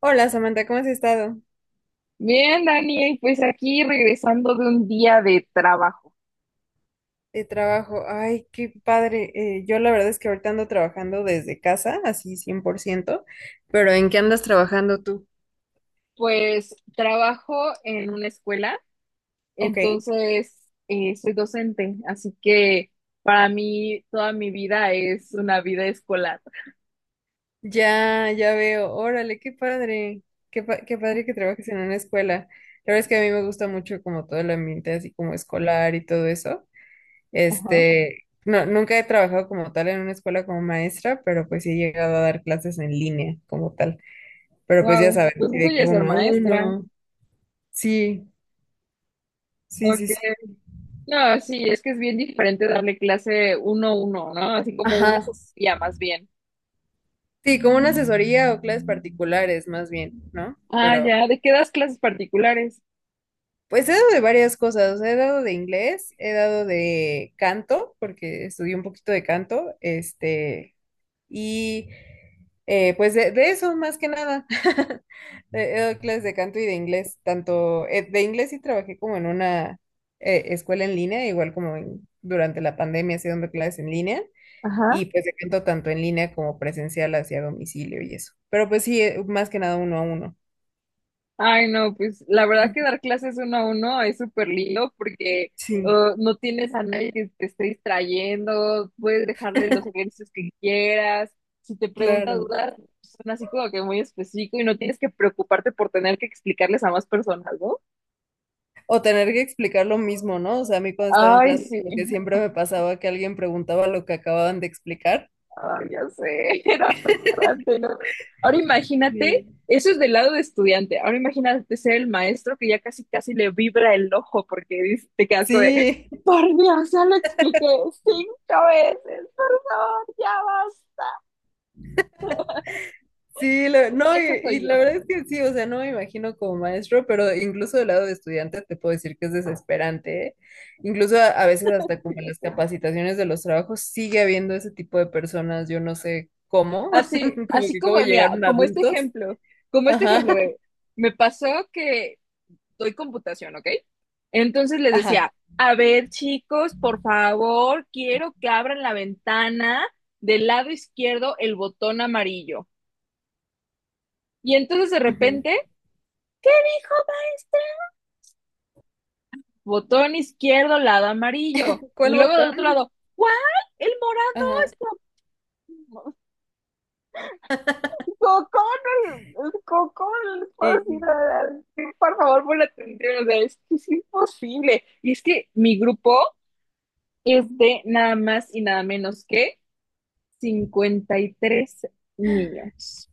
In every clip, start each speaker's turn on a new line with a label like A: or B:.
A: Hola Samantha, ¿cómo has estado?
B: Bien, Dani, y pues aquí regresando de un día de trabajo.
A: De trabajo. Ay, qué padre. Yo la verdad es que ahorita ando trabajando desde casa, así 100%. Pero ¿en qué andas trabajando tú?
B: Pues trabajo en una escuela,
A: Ok.
B: entonces soy docente, así que para mí toda mi vida es una vida escolar.
A: Ya, ya veo. Órale, qué padre. Qué, qué padre que trabajes en una escuela. La verdad es que a mí me gusta mucho como todo el ambiente así como escolar y todo eso.
B: Ajá.
A: Este, no, nunca he trabajado como tal en una escuela como maestra, pero pues sí he llegado a dar clases en línea como tal. Pero pues ya
B: Wow,
A: sabes,
B: pues
A: así
B: eso
A: de
B: ya
A: que
B: es ser
A: uno a
B: maestra.
A: uno. Sí, sí,
B: Ok.
A: sí, sí.
B: No, sí, es que es bien diferente darle clase uno a uno, ¿no? Así como una
A: Ajá.
B: asesoría más bien.
A: Sí, como una asesoría o clases particulares, más bien, ¿no?
B: Ah,
A: Pero,
B: ya, ¿de qué das clases particulares?
A: pues he dado de varias cosas. O sea, he dado de inglés, he dado de canto, porque estudié un poquito de canto, este, y pues de eso, más que nada. He dado clases de canto y de inglés, tanto de inglés sí trabajé como en una escuela en línea, igual como durante la pandemia, así dando clases en línea.
B: Ajá.
A: Y pues se canto tanto en línea como presencial hacia domicilio y eso. Pero pues sí, más que nada uno a uno.
B: Ay, no, pues la verdad
A: Ujú.
B: que dar clases uno a uno es súper lindo porque
A: Sí,
B: no tienes a nadie que te esté distrayendo, puedes dejarle los ejercicios que quieras, si te pregunta
A: claro.
B: dudas, son así como que muy específico y no tienes que preocuparte por tener que explicarles a más personas, ¿no?
A: O tener que explicar lo mismo, ¿no? O sea, a mí cuando estaba en
B: Ay,
A: clases,
B: sí.
A: como que siempre me pasaba que alguien preguntaba lo que acababan de explicar.
B: Ay, ya sé, era frustrante, ¿no? Ahora imagínate,
A: Sí.
B: eso es del lado de estudiante. Ahora imagínate ser el maestro que ya casi casi le vibra el ojo porque te quedas como de,
A: Sí,
B: por Dios, ya lo expliqué cinco veces, por favor, ya basta.
A: sí, no,
B: Esa
A: y
B: soy yo,
A: la verdad es que sí, o sea, no me imagino como maestro, pero incluso del lado de estudiante te puedo decir que es desesperante, ¿eh? Incluso a veces hasta
B: sí,
A: como en
B: ya
A: las
B: sé.
A: capacitaciones de los trabajos sigue habiendo ese tipo de personas, yo no sé cómo,
B: Así,
A: como
B: así
A: que cómo
B: como, mira,
A: llegaron adultos.
B: como este
A: Ajá,
B: ejemplo, me pasó que doy computación, ¿ok? Entonces les
A: ajá.
B: decía, a ver chicos, por favor, quiero que abran la ventana del lado izquierdo el botón amarillo. Y entonces de
A: Ujú.
B: repente, hijo, botón izquierdo, lado amarillo.
A: ¿Cuál
B: Y luego del otro
A: botón?
B: lado, ¿cuál? El morado.
A: Ajá.
B: Cocón, el cocón, les puedo decir,
A: Y
B: por favor, pon la atención, o sea, es que es imposible. Y es que mi grupo es de nada más y nada menos que 53 niños.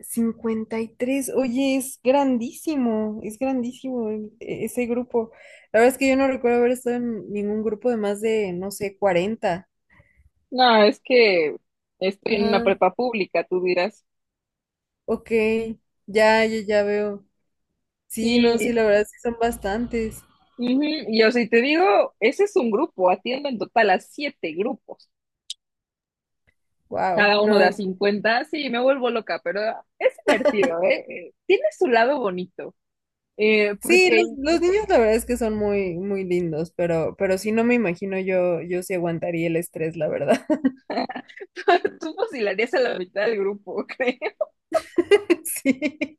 A: 53, oye, es grandísimo ese grupo. La verdad es que yo no recuerdo haber estado en ningún grupo de más de, no sé, 40.
B: No, es que estoy en una
A: Ajá,
B: prepa pública, tú dirás.
A: ok, ya, ya, ya veo. Sí, no,
B: Sí,
A: sí, la verdad sí son bastantes.
B: ujú. Y yo si te digo, ese es un grupo, atiendo en total a siete grupos,
A: Wow,
B: cada uno de
A: no.
B: a 50, sí, me vuelvo loca, pero es divertido, ¿eh? Tiene su lado bonito,
A: Sí,
B: porque
A: los niños la verdad es que son muy, muy lindos, pero sí no me imagino yo, yo sí aguantaría el estrés, la verdad.
B: tú fusilarías a la mitad del grupo, creo,
A: Sí.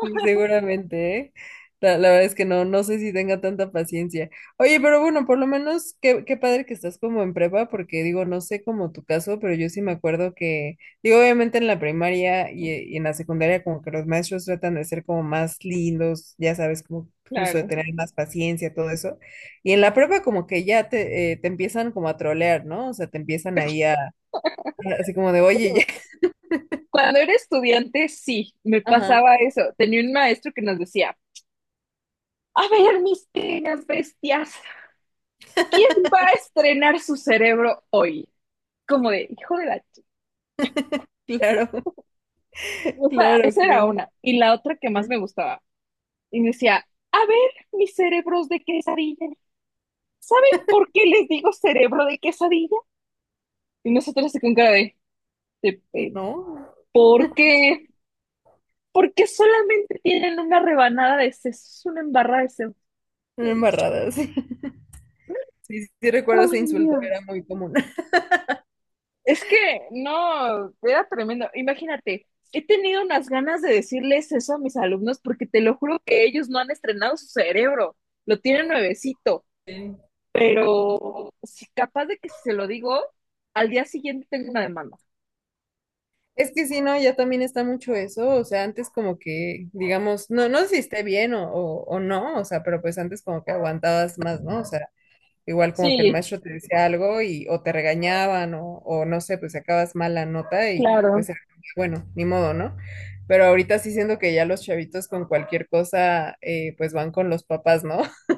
A: Sí, seguramente, ¿eh? La verdad es que no, no sé si tenga tanta paciencia. Oye, pero bueno, por lo menos qué, qué padre que estás como en prepa, porque digo, no sé como tu caso, pero yo sí me acuerdo que, digo, obviamente en la primaria y en la secundaria como que los maestros tratan de ser como más lindos, ya sabes, como justo de
B: claro.
A: tener más paciencia, todo eso. Y en la prepa como que ya te, te empiezan como a trolear, ¿no? O sea, te empiezan ahí a, así como de, oye, ya.
B: Cuando era estudiante, sí, me
A: Ajá,
B: pasaba eso. Tenía un maestro que nos decía, a ver, mis queridas bestias, ¿quién va a estrenar su cerebro hoy? Como de, hijo de la ch-.
A: claro,
B: O sea,
A: claro,
B: esa era
A: claro.
B: una. Y la otra que más
A: Ajá.
B: me gustaba. Y me decía, a ver, mis cerebros de quesadilla. ¿Saben por qué les digo cerebro de quesadilla? Y nosotros se con cara de, de pe-
A: No.
B: ¿por qué? Porque solamente tienen una rebanada de sesos, una embarrada de sesos.
A: Una embarrada, sí. Sí, sí sí recuerdo ese
B: Ay,
A: insulto, era
B: Dios.
A: muy común.
B: Es que no, era tremendo. Imagínate, he tenido unas ganas de decirles eso a mis alumnos porque te lo juro que ellos no han estrenado su cerebro, lo tienen nuevecito, pero si capaz de que si se lo digo, al día siguiente tengo una demanda.
A: Es que sí, no, ya también está mucho eso, o sea, antes como que, digamos, no, no sé si esté bien o no, o sea, pero pues antes como que aguantabas más, ¿no? O sea, igual como que el
B: Sí,
A: maestro te decía algo y o te regañaban o no sé, pues sacabas mala nota y pues
B: claro.
A: era como que, bueno, ni modo, ¿no? Pero ahorita sí siento que ya los chavitos con cualquier cosa, pues van con los papás, ¿no?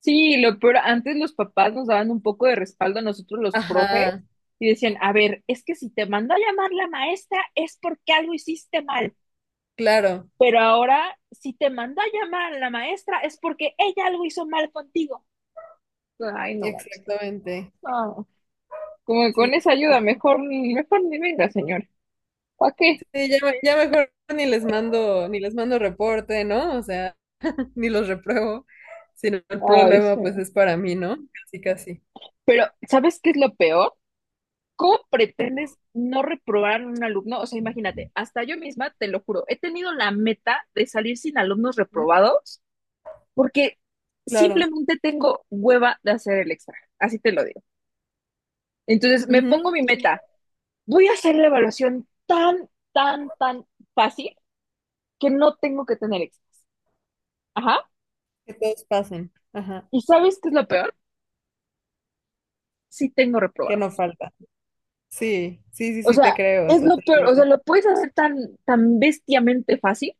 B: Sí, lo peor, antes los papás nos daban un poco de respaldo a nosotros los profes
A: Ajá,
B: y decían, a ver, es que si te mandó a llamar la maestra es porque algo hiciste mal.
A: claro,
B: Pero ahora, si te mandó a llamar la maestra, es porque ella algo hizo mal contigo. Ay, no, vamos.
A: exactamente.
B: No. Como que
A: Sí.
B: con esa ayuda, mejor, mejor ni venga, señor. ¿Para qué?
A: Sí, ya, ya mejor ni les mando, ni les mando reporte, ¿no? O sea, ni los repruebo, sino el
B: Ay,
A: problema pues
B: sí.
A: es para mí, ¿no? Casi, casi.
B: Pero, ¿sabes qué es lo peor? ¿Cómo pretendes no reprobar a un alumno? O sea, imagínate, hasta yo misma, te lo juro, he tenido la meta de salir sin alumnos
A: ¿Mm?
B: reprobados porque
A: Claro.
B: simplemente tengo hueva de hacer el extra, así te lo digo. Entonces, me
A: Ujú.
B: pongo mi meta, voy a hacer la evaluación tan, tan, tan fácil que no tengo que tener éxito. Ajá.
A: Que todos pasen. Ajá.
B: ¿Y sabes qué es lo peor? Sí tengo
A: Que
B: reprobado.
A: no falta. Sí, sí, sí,
B: O
A: sí, te
B: sea,
A: creo,
B: es lo peor. O sea,
A: totalmente.
B: lo puedes hacer tan, tan bestiamente fácil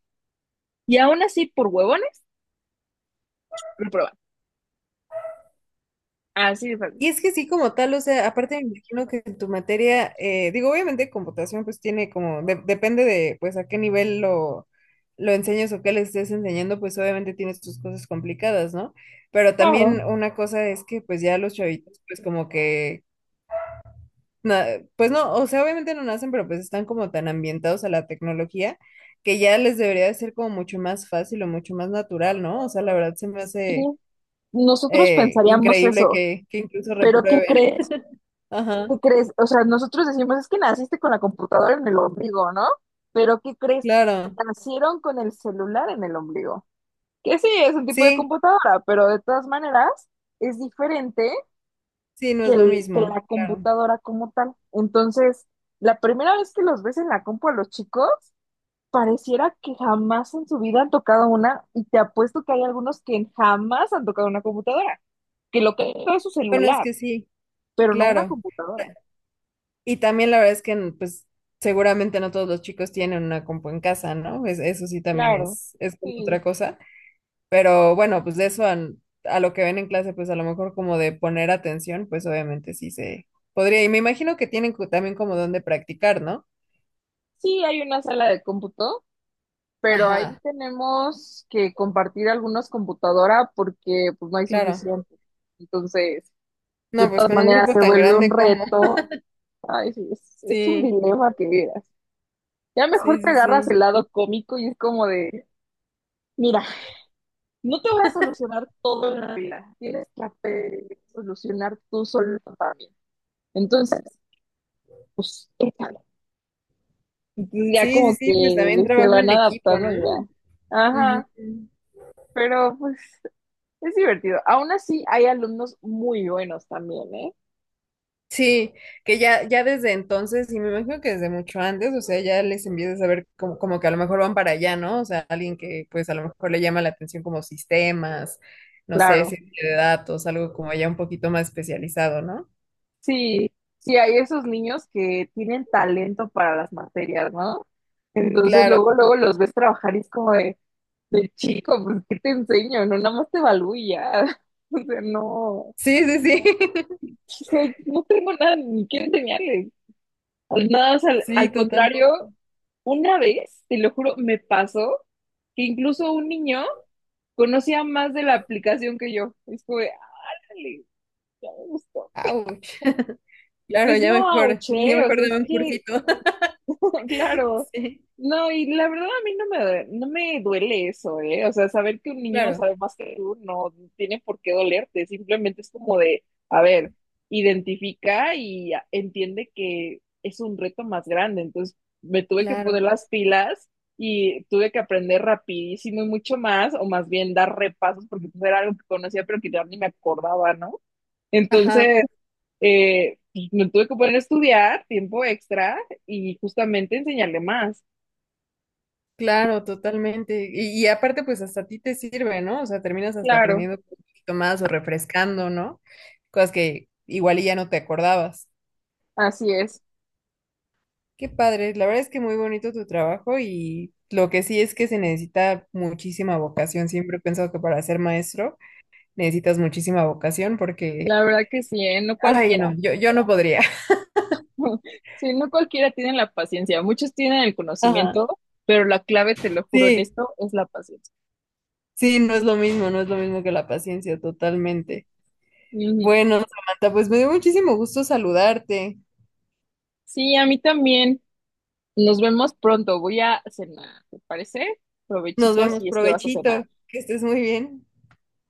B: y aún así por huevones, reprobar. Así de fácil.
A: Y es que sí, como tal, o sea, aparte me imagino que en tu materia, digo, obviamente computación pues tiene como, depende de pues a qué nivel lo enseñes o qué le estés enseñando, pues obviamente tienes tus cosas complicadas, ¿no? Pero también
B: Claro,
A: una cosa es que pues ya los chavitos pues como que, na- pues no, o sea, obviamente no nacen, pero pues están como tan ambientados a la tecnología que ya les debería de ser como mucho más fácil o mucho más natural, ¿no? O sea, la verdad se me hace
B: sí, nosotros pensaríamos
A: increíble
B: eso,
A: que incluso
B: pero ¿qué
A: reprueben.
B: crees?
A: Ajá.
B: ¿Qué crees? O sea, nosotros decimos, es que naciste con la computadora en el ombligo, ¿no? Pero ¿qué crees?
A: Claro,
B: Nacieron con el celular en el ombligo. Que sí, es un tipo de
A: sí,
B: computadora, pero de todas maneras es diferente
A: sí, no
B: que,
A: es lo
B: el- que
A: mismo,
B: la
A: claro.
B: computadora como tal. Entonces, la primera vez que los ves en la compu a los chicos, pareciera que jamás en su vida han tocado una, y te apuesto que hay algunos que jamás han tocado una computadora, que lo que han tocado es su
A: Bueno, es
B: celular,
A: que sí,
B: pero no una
A: claro.
B: computadora.
A: Y también la verdad es que, pues, seguramente no todos los chicos tienen una compu en casa, ¿no? Eso sí también
B: Claro,
A: es como otra
B: sí.
A: cosa. Pero bueno, pues de eso a lo que ven en clase, pues a lo mejor como de poner atención, pues obviamente sí se podría. Y me imagino que tienen también como donde practicar, ¿no?
B: Sí, hay una sala de cómputo, pero ahí
A: Ajá,
B: tenemos que compartir algunos computadoras porque pues no hay
A: claro.
B: suficiente. Entonces,
A: No,
B: de
A: pues
B: todas
A: con un
B: maneras
A: grupo
B: se
A: tan
B: vuelve un
A: grande como.
B: reto. Ay, sí, es un
A: Sí,
B: dilema que vieras. Ya mejor
A: sí,
B: te
A: sí,
B: agarras
A: sí.
B: el lado cómico y es como de, mira, no te voy a solucionar todo en la vida. Tienes que aprender solucionar tú solo también. Entonces, pues, échale. Entonces ya
A: Sí,
B: como
A: sí, sí, pues también
B: que se
A: trabajo en
B: van
A: equipo,
B: adaptando
A: ¿no?
B: ya.
A: Ujú.
B: Ajá, pero pues es divertido. Aún así, hay alumnos muy buenos también, ¿eh?
A: Sí, que ya, ya desde entonces, y me imagino que desde mucho antes, o sea, ya les empiezas a ver como, como que a lo mejor van para allá, ¿no? O sea, alguien que pues a lo mejor le llama la atención como sistemas, no sé,
B: Claro.
A: ciencia de datos, algo como ya un poquito más especializado, ¿no?
B: Sí, sí, hay esos niños que tienen talento para las materias, ¿no? Entonces,
A: Claro,
B: luego, luego los ves trabajar y es como de chico, pues, ¿qué te enseño? No, nada más te evalúo y ya. O sea, no. O
A: sí, sí, sí,
B: sea, no tengo nada ni que enseñarles. Nada, más al,
A: sí,
B: al
A: totalmente.
B: contrario, una vez, te lo juro, me pasó que incluso un niño conocía más de la aplicación que yo. Es como de, "Árale". Ya me gustó.
A: Ouch. Claro,
B: Pues no,
A: ya
B: auché, o
A: mejor
B: sea es
A: dame un
B: que,
A: cursito.
B: claro,
A: Sí,
B: no, y la verdad a mí no me duele eso, ¿eh? O sea, saber que un niño
A: claro,
B: sabe más que tú no tiene por qué dolerte, simplemente es como de, a ver, identifica y entiende que es un reto más grande, entonces me tuve que poner
A: claro.
B: las pilas y tuve que aprender rapidísimo y mucho más, o más bien dar repasos, porque pues, era algo que conocía pero que ya ni me acordaba, ¿no?
A: Ajá.
B: Entonces, eh, me tuve que poner a estudiar tiempo extra y justamente enseñarle más.
A: Claro, totalmente. Y aparte, pues hasta a ti te sirve, ¿no? O sea, terminas hasta
B: Claro,
A: aprendiendo un poquito más o refrescando, ¿no? Cosas que igual y ya no te acordabas.
B: así es.
A: Qué padre. La verdad es que muy bonito tu trabajo y lo que sí es que se necesita muchísima vocación. Siempre he pensado que para ser maestro necesitas muchísima vocación porque,
B: La verdad que sí, ¿eh? No
A: ay,
B: cualquiera.
A: no, yo no podría.
B: Sí, no cualquiera tiene la paciencia. Muchos tienen el
A: Ajá.
B: conocimiento, pero la clave, te lo juro en
A: Sí,
B: esto, es la paciencia.
A: sí, no es lo mismo, no es lo mismo que la paciencia, totalmente.
B: Ujú.
A: Bueno, Samantha, pues me dio muchísimo gusto saludarte.
B: Sí, a mí también. Nos vemos pronto. Voy a cenar, ¿te parece?
A: Nos
B: Provechitos
A: vemos,
B: y es que vas a cenar.
A: provechito, que estés muy bien.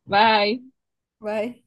B: Bye.
A: Bye.